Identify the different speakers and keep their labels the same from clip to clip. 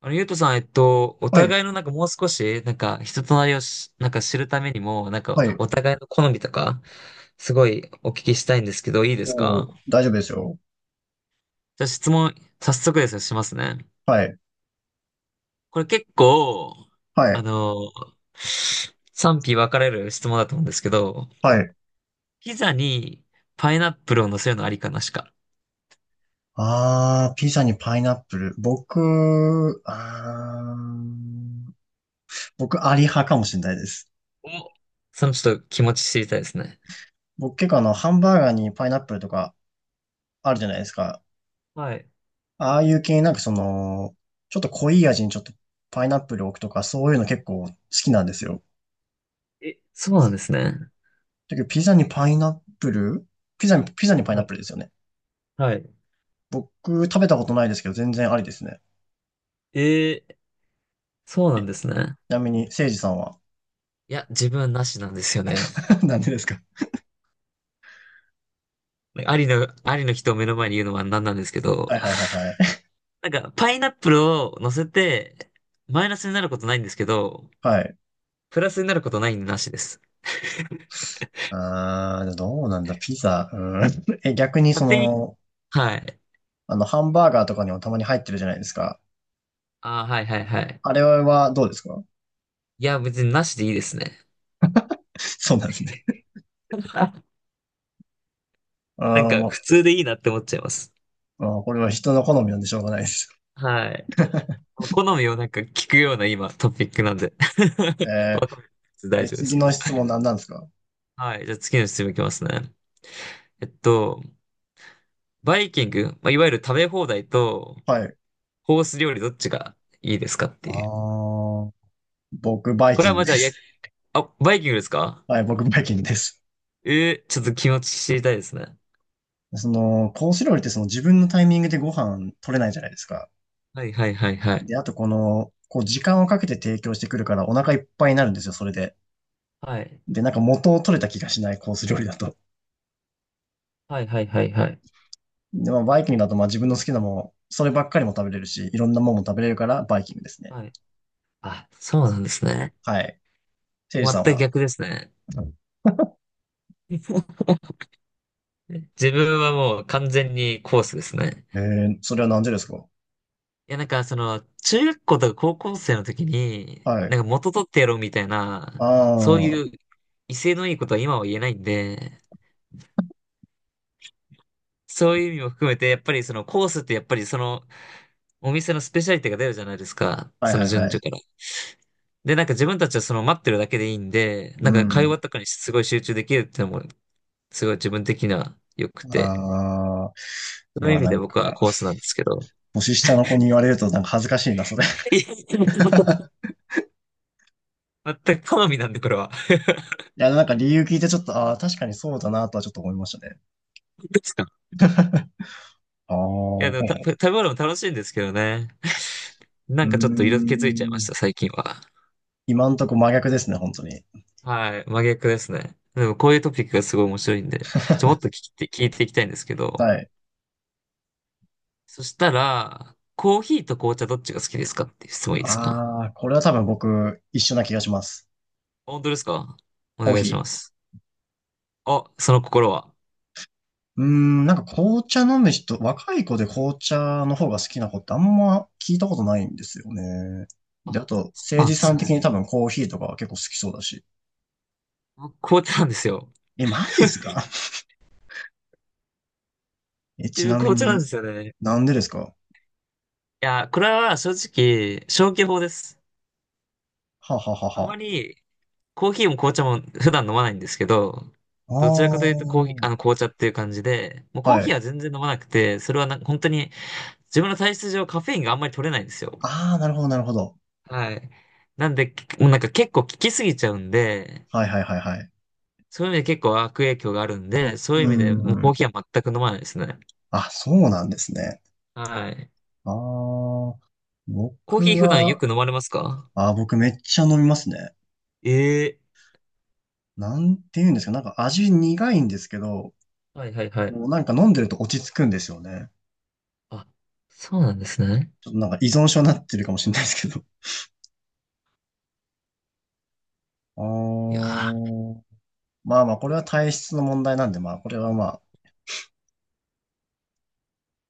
Speaker 1: ゆうとさん、お
Speaker 2: はい、
Speaker 1: 互いのなんかもう少し、なんか人となりをなんか知るためにも、なん
Speaker 2: は
Speaker 1: か
Speaker 2: い。
Speaker 1: お互いの好みとか、すごいお聞きしたいんですけど、いいです
Speaker 2: おー、
Speaker 1: か？
Speaker 2: 大丈夫ですよ。
Speaker 1: じゃあ質問、早速ですよ、しますね。
Speaker 2: はい、
Speaker 1: これ結構、
Speaker 2: は
Speaker 1: あ
Speaker 2: い、
Speaker 1: の、賛否分かれる質問だと思うんですけど、
Speaker 2: はい。
Speaker 1: ピザにパイナップルを乗せるのありかなしか。
Speaker 2: ピザにパイナップル。僕、あー、僕、アリ派かもしれないです。
Speaker 1: お、そのちょっと気持ち知りたいですね。
Speaker 2: 僕、結構ハンバーガーにパイナップルとかあるじゃないですか。
Speaker 1: はい。
Speaker 2: ああいう系、なんかちょっと濃い味にちょっとパイナップルを置くとか、そういうの結構好きなんですよ。
Speaker 1: え、そうなんですね。
Speaker 2: だけど、プルピザにパイナ
Speaker 1: は
Speaker 2: ッ
Speaker 1: い。
Speaker 2: プルですよね。
Speaker 1: はい。
Speaker 2: 僕、食べたことないですけど、全然ありですね。
Speaker 1: えー、そうな
Speaker 2: え、
Speaker 1: んで
Speaker 2: ち
Speaker 1: すね。
Speaker 2: なみに、せいじさんは？
Speaker 1: いや、自分はなしなんですよね。
Speaker 2: なんでですか？
Speaker 1: ありの人を目の前に言うのは何なんですけど、
Speaker 2: はいはいはいはい。
Speaker 1: なんか、パイナップルを乗せて、マイナスになることないんですけど、
Speaker 2: はい。
Speaker 1: プラスになることないんでなしです。
Speaker 2: どうなんだ、ピザ。うん。え、逆に
Speaker 1: 勝手に、はい。
Speaker 2: ハンバーガーとかにもたまに入ってるじゃないですか。
Speaker 1: ああ、はいはいはい。
Speaker 2: あれはどうですか？
Speaker 1: いや、別になしでいいですね。
Speaker 2: そうなんですね。
Speaker 1: なんか、
Speaker 2: も
Speaker 1: 普通でいいなって思っちゃいます。
Speaker 2: う、これは人の好みなんでしょうがないです。
Speaker 1: はい。好みをなんか聞くような今、トピックなんで。
Speaker 2: え
Speaker 1: わかんないです、大
Speaker 2: え、
Speaker 1: 丈夫です
Speaker 2: 次
Speaker 1: け
Speaker 2: の
Speaker 1: ど。
Speaker 2: 質問何なんですか？
Speaker 1: はい。じゃあ次の質問いきますね。えっと、バイキング、まあ、いわゆる食べ放題と、
Speaker 2: はい。
Speaker 1: コース料理どっちがいいですかっ
Speaker 2: あ
Speaker 1: ていう。
Speaker 2: ー、僕、バイ
Speaker 1: これ
Speaker 2: キ
Speaker 1: は
Speaker 2: ン
Speaker 1: ま
Speaker 2: グ
Speaker 1: あ
Speaker 2: で
Speaker 1: じゃあ、や、
Speaker 2: す。
Speaker 1: あ、バイキングですか？
Speaker 2: はい、僕、バイキングです。
Speaker 1: ちょっと気持ち知りたいですね。
Speaker 2: コース料理ってその自分のタイミングでご飯取れないじゃないですか。
Speaker 1: はいはいはいはい。
Speaker 2: で、あとこう時間をかけて提供してくるからお腹いっぱいになるんですよ、それで。
Speaker 1: はい。
Speaker 2: で、なんか元を取れた気がしないコース料理だと。
Speaker 1: はいはいはいはい。
Speaker 2: で、まあ、バイキングだとまあ自分の好きなもん、そればっかりも食べれるし、いろんなもんも食べれるからバイキングですね。
Speaker 1: はい。あ、そうなんですね。
Speaker 2: はい。せいじ
Speaker 1: 全
Speaker 2: さん
Speaker 1: く
Speaker 2: は。
Speaker 1: 逆ですね。自分はもう完全にコースですね。
Speaker 2: それはなんでですか？
Speaker 1: いや、なんかその、中学校とか高校生の時に、
Speaker 2: はい。
Speaker 1: なんか元取ってやろうみたい
Speaker 2: あ
Speaker 1: な、
Speaker 2: あ、
Speaker 1: そう
Speaker 2: は
Speaker 1: いう威勢のいいことは今は言えないんで、そういう意味も含めて、やっぱりそのコースってやっぱりその、お店のスペシャリティが出るじゃないですか。
Speaker 2: いは
Speaker 1: その
Speaker 2: いは
Speaker 1: 順序
Speaker 2: い。
Speaker 1: から。で、なんか自分たちはその待ってるだけでいいんで、な
Speaker 2: う
Speaker 1: んか会話
Speaker 2: ん。
Speaker 1: とかにすごい集中できるっていうのも、すごい自分的には良くて。
Speaker 2: ああ、う
Speaker 1: そういう
Speaker 2: わ、
Speaker 1: 意味
Speaker 2: な
Speaker 1: で
Speaker 2: ん
Speaker 1: 僕は
Speaker 2: か、
Speaker 1: コースなんですけど。
Speaker 2: 年下の子に言われるとなんか恥ずかしいな、それ。い
Speaker 1: いや全く好みなんで、これは。
Speaker 2: や、なんか理由聞いてちょっと、ああ、確かにそうだなとはちょっと思いましたね。
Speaker 1: ですか？
Speaker 2: ああ、
Speaker 1: いや、
Speaker 2: う
Speaker 1: でも食べ物も楽しいんですけどね。
Speaker 2: ー
Speaker 1: なんかちょっと色気づいちゃいまし
Speaker 2: ん。
Speaker 1: た、最近は。
Speaker 2: 今んとこ真逆ですね、本当に。
Speaker 1: はい、真逆ですね。でもこういうトピックがすごい面白いんで、もっと聞いていきたいんですけど。
Speaker 2: はい。
Speaker 1: そしたら、コーヒーと紅茶どっちが好きですかっていう質問いいですか？
Speaker 2: ああ、これは多分僕一緒な気がします。
Speaker 1: 本当ですか？お
Speaker 2: コー
Speaker 1: 願い
Speaker 2: ヒ
Speaker 1: し
Speaker 2: ー。
Speaker 1: ます。あ、その心は。
Speaker 2: うーん、なんか紅茶飲む人、若い子で紅茶の方が好きな子ってあんま聞いたことないんですよね。
Speaker 1: あ、
Speaker 2: で、あと、
Speaker 1: そう
Speaker 2: 誠
Speaker 1: なん
Speaker 2: 治
Speaker 1: で
Speaker 2: さ
Speaker 1: す
Speaker 2: ん的
Speaker 1: ね。
Speaker 2: に多分コーヒーとかは結構好きそうだし。
Speaker 1: 僕紅茶なんですよ。
Speaker 2: え、マジですか？ え、
Speaker 1: 自
Speaker 2: ち
Speaker 1: 分
Speaker 2: なみ
Speaker 1: 紅茶な
Speaker 2: に、
Speaker 1: んですよね。
Speaker 2: なんでですか？は
Speaker 1: いや、これは正直、消去法です。
Speaker 2: あはあはあ
Speaker 1: あ
Speaker 2: は
Speaker 1: まり、コーヒーも紅茶も普段飲まないんですけど、どちらかという
Speaker 2: あ。
Speaker 1: とコーヒー、あの紅茶っていう感じで、もう
Speaker 2: ああ、
Speaker 1: コー
Speaker 2: は
Speaker 1: ヒー
Speaker 2: い。
Speaker 1: は全然飲まなくて、それはなんか本当に自分の体質上カフェインがあんまり取れないんですよ。
Speaker 2: ああ、なるほど、なるほど。
Speaker 1: はい。なんで、もうなんか結構効きすぎちゃうんで、
Speaker 2: はいはいはいはい。
Speaker 1: そういう意味で結構悪影響があるんで、そう
Speaker 2: う
Speaker 1: いう意
Speaker 2: ー
Speaker 1: 味でもうコー
Speaker 2: ん。
Speaker 1: ヒーは全く飲まないですね。
Speaker 2: あ、そうなんですね。
Speaker 1: はい。
Speaker 2: ああ、
Speaker 1: コーヒ
Speaker 2: 僕
Speaker 1: ー普段よ
Speaker 2: は、
Speaker 1: く飲まれますか？
Speaker 2: 僕めっちゃ飲みますね。
Speaker 1: ええ、
Speaker 2: なんて言うんですか、なんか味苦いんですけど、
Speaker 1: はいはいはい。
Speaker 2: もうなんか飲んでると落ち着くんですよね。
Speaker 1: あ、そうなんですね。
Speaker 2: ちょっとなんか依存症になってるかもしれないですけど。あ
Speaker 1: いやー、
Speaker 2: ー、まあまあ、これは体質の問題なんで、まあ、これはまあ。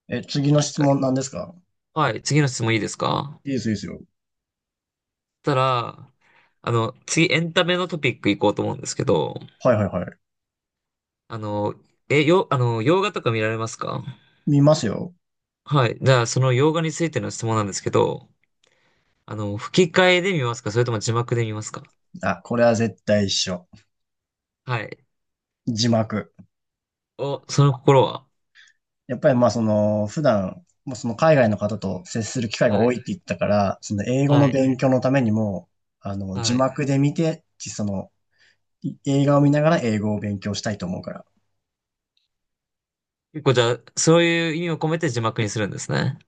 Speaker 2: え、次の
Speaker 1: 確
Speaker 2: 質
Speaker 1: か
Speaker 2: 問
Speaker 1: に。
Speaker 2: なんですか？
Speaker 1: はい、次の質問いいですか？
Speaker 2: いいです、いいですよ。
Speaker 1: そしたら、次エンタメのトピック行こうと思うんですけど、
Speaker 2: はいはいはい。
Speaker 1: あの、え、よ、あの、洋画とか見られますか？
Speaker 2: 見ますよ。
Speaker 1: はい。じゃあ、その洋画についての質問なんですけど、吹き替えで見ますか？それとも字幕で見ますか？
Speaker 2: あ、これは絶対一緒。
Speaker 1: はい。
Speaker 2: 字幕。
Speaker 1: お、その心は？
Speaker 2: やっぱりまあ普段、まあその海外の方と接する機会が
Speaker 1: は
Speaker 2: 多
Speaker 1: い。
Speaker 2: いって言ったから、その英語
Speaker 1: は
Speaker 2: の
Speaker 1: い
Speaker 2: 勉強のためにも、字
Speaker 1: はい。
Speaker 2: 幕で見て、い映画を見ながら英語を勉強したいと思うから。
Speaker 1: 結構じゃあ、そういう意味を込めて字幕にするんですね。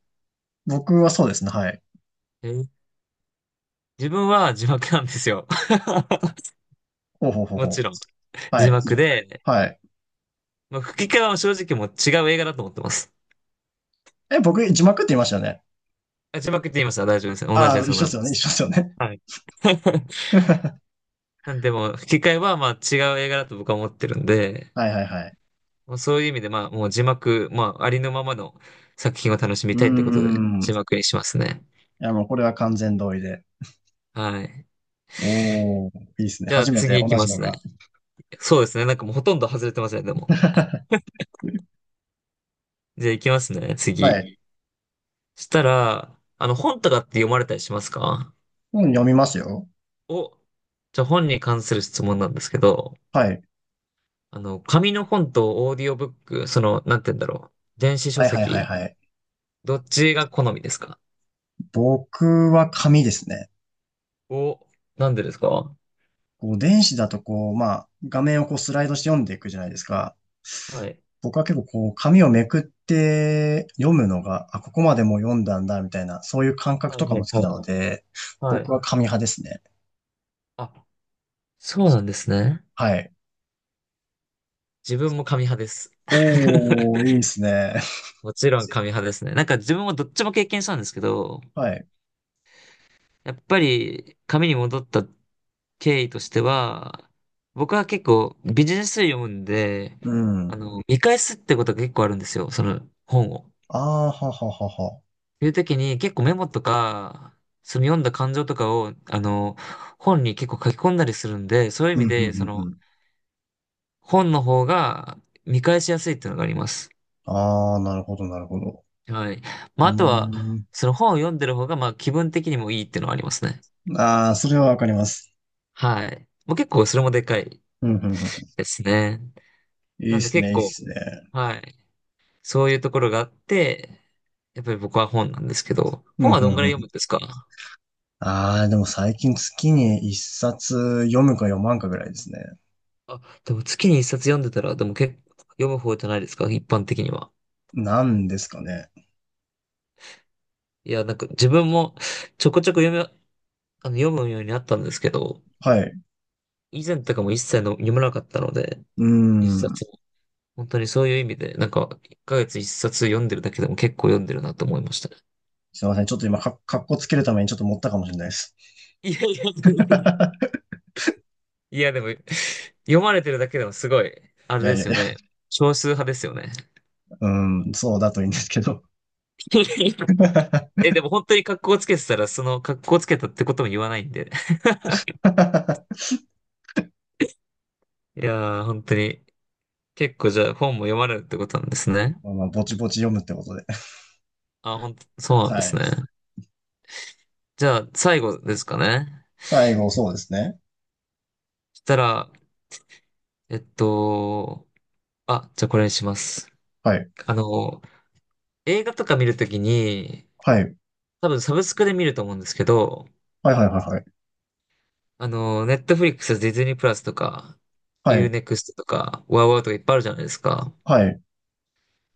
Speaker 2: 僕はそうですね、はい。
Speaker 1: えー自分は字幕なんですよ。
Speaker 2: ほうほうほう
Speaker 1: も
Speaker 2: ほ
Speaker 1: ちろん。
Speaker 2: う。は
Speaker 1: 字
Speaker 2: い。
Speaker 1: 幕で、
Speaker 2: はい。
Speaker 1: まあ、吹き替えは正直もう違う映画だと思ってます。
Speaker 2: え、僕、字幕って言いましたよね。
Speaker 1: あ、字幕って言いました、大丈夫です。同じ
Speaker 2: あ
Speaker 1: で
Speaker 2: あ、一
Speaker 1: す、
Speaker 2: 緒
Speaker 1: 同
Speaker 2: で
Speaker 1: じ
Speaker 2: すよ
Speaker 1: で
Speaker 2: ね、一
Speaker 1: す。
Speaker 2: 緒ですよね。
Speaker 1: はい。なんでも、吹き替えはまあ違う映画だと僕は思ってるんで、
Speaker 2: はいはいはい。
Speaker 1: まあ、そういう意味でまあもう字幕、まあありのままの作品を楽しみ
Speaker 2: う
Speaker 1: た
Speaker 2: ー
Speaker 1: いってことで
Speaker 2: ん。
Speaker 1: 字
Speaker 2: い
Speaker 1: 幕にしますね。
Speaker 2: や、もうこれは完全同意で。
Speaker 1: はい。
Speaker 2: おー、いいですね。
Speaker 1: じゃあ
Speaker 2: 初め
Speaker 1: 次
Speaker 2: て
Speaker 1: 行
Speaker 2: 同
Speaker 1: きま
Speaker 2: じの
Speaker 1: すね。
Speaker 2: が。
Speaker 1: そうですね。なんかもうほとんど外れてますね、でも。じゃあ行きますね、
Speaker 2: は
Speaker 1: 次。
Speaker 2: い。
Speaker 1: したら、本とかって読まれたりしますか？
Speaker 2: うん、読みますよ。
Speaker 1: お、じゃあ本に関する質問なんですけど、
Speaker 2: はい。
Speaker 1: 紙の本とオーディオブック、なんて言うんだろう。電子書
Speaker 2: はいはいはい
Speaker 1: 籍、
Speaker 2: はい。
Speaker 1: どっちが好みですか？
Speaker 2: 僕は紙ですね。
Speaker 1: お、なんでですか？
Speaker 2: こう電子だとこう、まあ、画面をこうスライドして読んでいくじゃないですか。
Speaker 1: はい。
Speaker 2: 僕は結構こう、紙をめくって読むのが、あ、ここまでもう読んだんだ、みたいな、そういう感覚
Speaker 1: はい
Speaker 2: とか
Speaker 1: は
Speaker 2: も
Speaker 1: い
Speaker 2: 好き
Speaker 1: は
Speaker 2: な
Speaker 1: い。
Speaker 2: ので、
Speaker 1: は
Speaker 2: 僕
Speaker 1: い。
Speaker 2: は紙派ですね。
Speaker 1: あ、そうなんですね。
Speaker 2: はい。
Speaker 1: 自分も紙派です。
Speaker 2: おー、いいですね。
Speaker 1: もちろん 紙派ですね。なんか自分もどっちも経験したんですけど、
Speaker 2: はい。
Speaker 1: やっぱり紙に戻った経緯としては、僕は結構ビジネス書読むんで、
Speaker 2: うん。
Speaker 1: 見返すってことが結構あるんですよ、その本を。っ
Speaker 2: ああ、はははは。
Speaker 1: ていう時に結構メモとか、その読んだ感情とかを、本に結構書き込んだりするんで、そういう
Speaker 2: う
Speaker 1: 意
Speaker 2: ん、
Speaker 1: 味
Speaker 2: うん、う
Speaker 1: で、
Speaker 2: ん、うん。
Speaker 1: 本の方が見返しやすいっていうのがあります。
Speaker 2: ああ、なるほど、なるほど。
Speaker 1: はい。
Speaker 2: う
Speaker 1: まあ、あとは、
Speaker 2: ーん。
Speaker 1: その本を読んでる方が、まあ、気分的にもいいっていうのはありますね。
Speaker 2: ああ、それはわかります。
Speaker 1: はい。もう結構それもでかい
Speaker 2: うん、うん、うん。
Speaker 1: ですね。
Speaker 2: いい
Speaker 1: な
Speaker 2: で
Speaker 1: んで
Speaker 2: すね、
Speaker 1: 結
Speaker 2: いいで
Speaker 1: 構、
Speaker 2: すね。
Speaker 1: はい。そういうところがあって、やっぱり僕は本なんですけど、
Speaker 2: うん、
Speaker 1: 本は
Speaker 2: う
Speaker 1: どんぐら
Speaker 2: ん、
Speaker 1: い
Speaker 2: う
Speaker 1: 読むん
Speaker 2: ん。
Speaker 1: ですか？
Speaker 2: ああ、でも最近月に一冊読むか読まんかぐらいですね。
Speaker 1: あ、でも月に一冊読んでたら、でも結構読む方じゃないですか、一般的には。
Speaker 2: なんですかね。
Speaker 1: いや、なんか自分もちょこちょこ読むようになったんですけど、
Speaker 2: はい。
Speaker 1: 以前とかも一切の読まなかったので、
Speaker 2: うー
Speaker 1: 一冊
Speaker 2: ん。
Speaker 1: も。本当にそういう意味で、なんか、一ヶ月一冊読んでるだけでも結構読んでるなと思いましたね。
Speaker 2: すいません。ちょっと今、かっこつけるためにちょっと持ったかもしれないです。
Speaker 1: いやいや、いやでも、読まれてるだけでもすごい、あ
Speaker 2: い
Speaker 1: れ
Speaker 2: や
Speaker 1: で
Speaker 2: いや
Speaker 1: す
Speaker 2: い
Speaker 1: よ
Speaker 2: や。
Speaker 1: ね。少数派ですよね。
Speaker 2: うん、そうだといいんですけど。
Speaker 1: え、でも本当に格好つけてたら、その格好つけたってことも言わないんで。いやー、本当に。結構じゃあ本も読まれるってことなんですね。
Speaker 2: まあまあ、ぼちぼち読むってことで。
Speaker 1: あ、本当、そうなんで
Speaker 2: は
Speaker 1: す
Speaker 2: い。
Speaker 1: ね。じゃあ最後ですかね。
Speaker 2: 最後、そうですね。
Speaker 1: したら、えっと、あ、じゃあこれにします。
Speaker 2: はい。
Speaker 1: あの、映画とか見るときに、
Speaker 2: はい。
Speaker 1: 多分サブスクで見ると思うんですけど、
Speaker 2: はいはいはいはい。
Speaker 1: ネットフリックス、ディズニープラスとか、
Speaker 2: は
Speaker 1: ユー
Speaker 2: い。
Speaker 1: ネクストとか、ワウワウとかいっぱいあるじゃないですか。
Speaker 2: はい。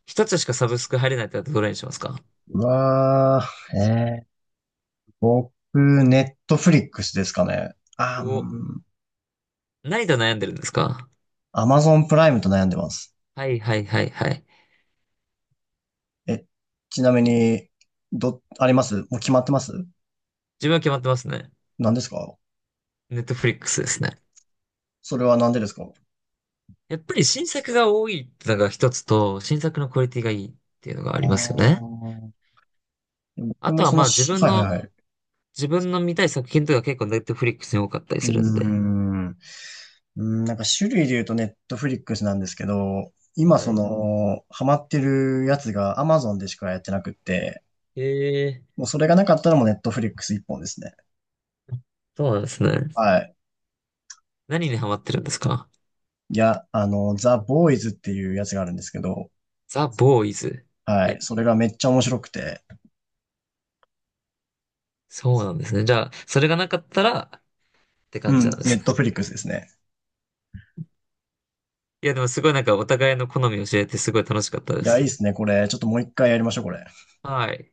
Speaker 1: 一つしかサブスク入れないってなったらどれにしますか？
Speaker 2: うわー、僕、ネットフリックスですかね。あー、
Speaker 1: お、
Speaker 2: うん。
Speaker 1: 何と悩んでるんですか？
Speaker 2: アマゾンプライムと悩んでます。
Speaker 1: はいはいはいはい。
Speaker 2: え、ちなみに、あります？もう決まってます？
Speaker 1: 自分は決まってますね。
Speaker 2: 何ですか？
Speaker 1: ネットフリックスですね。
Speaker 2: それは何でですかあ？
Speaker 1: やっぱり新作が多いってのが一つと、新作のクオリティがいいっていうのがあ
Speaker 2: あ
Speaker 1: りますよね。
Speaker 2: 僕
Speaker 1: あ
Speaker 2: も
Speaker 1: とは
Speaker 2: そ
Speaker 1: ま
Speaker 2: の
Speaker 1: あ自
Speaker 2: し、
Speaker 1: 分
Speaker 2: はいは
Speaker 1: の、
Speaker 2: いはい。
Speaker 1: 自分の見たい作品とか結構ネットフリックスに多かったり
Speaker 2: うー
Speaker 1: するんで。
Speaker 2: ん、うーんなんか種類で言うとネットフリックスなんですけど、今
Speaker 1: は
Speaker 2: そ
Speaker 1: い。
Speaker 2: の、ハマってるやつが Amazon でしかやってなくって、
Speaker 1: へえ、
Speaker 2: もうそれがなかったらもうネットフリックス一本ですね。
Speaker 1: そうなんですね。
Speaker 2: はい。
Speaker 1: 何にハマってるんですか？
Speaker 2: いや、ザ・ボーイズっていうやつがあるんですけど、
Speaker 1: ザ・ボーイズ。
Speaker 2: は
Speaker 1: え、
Speaker 2: い。それがめっちゃ面白くて、
Speaker 1: そうなんですね。じゃあ、それがなかったらって
Speaker 2: う
Speaker 1: 感じ
Speaker 2: ん、
Speaker 1: なんで
Speaker 2: ネ
Speaker 1: す
Speaker 2: ッ
Speaker 1: ね。
Speaker 2: トフリックスですね。
Speaker 1: いや、でもすごいなんかお互いの好みを教えてすごい楽しかった
Speaker 2: い
Speaker 1: で
Speaker 2: や、いい
Speaker 1: す。
Speaker 2: っすね、これ。ちょっともう一回やりましょう、これ。
Speaker 1: はい。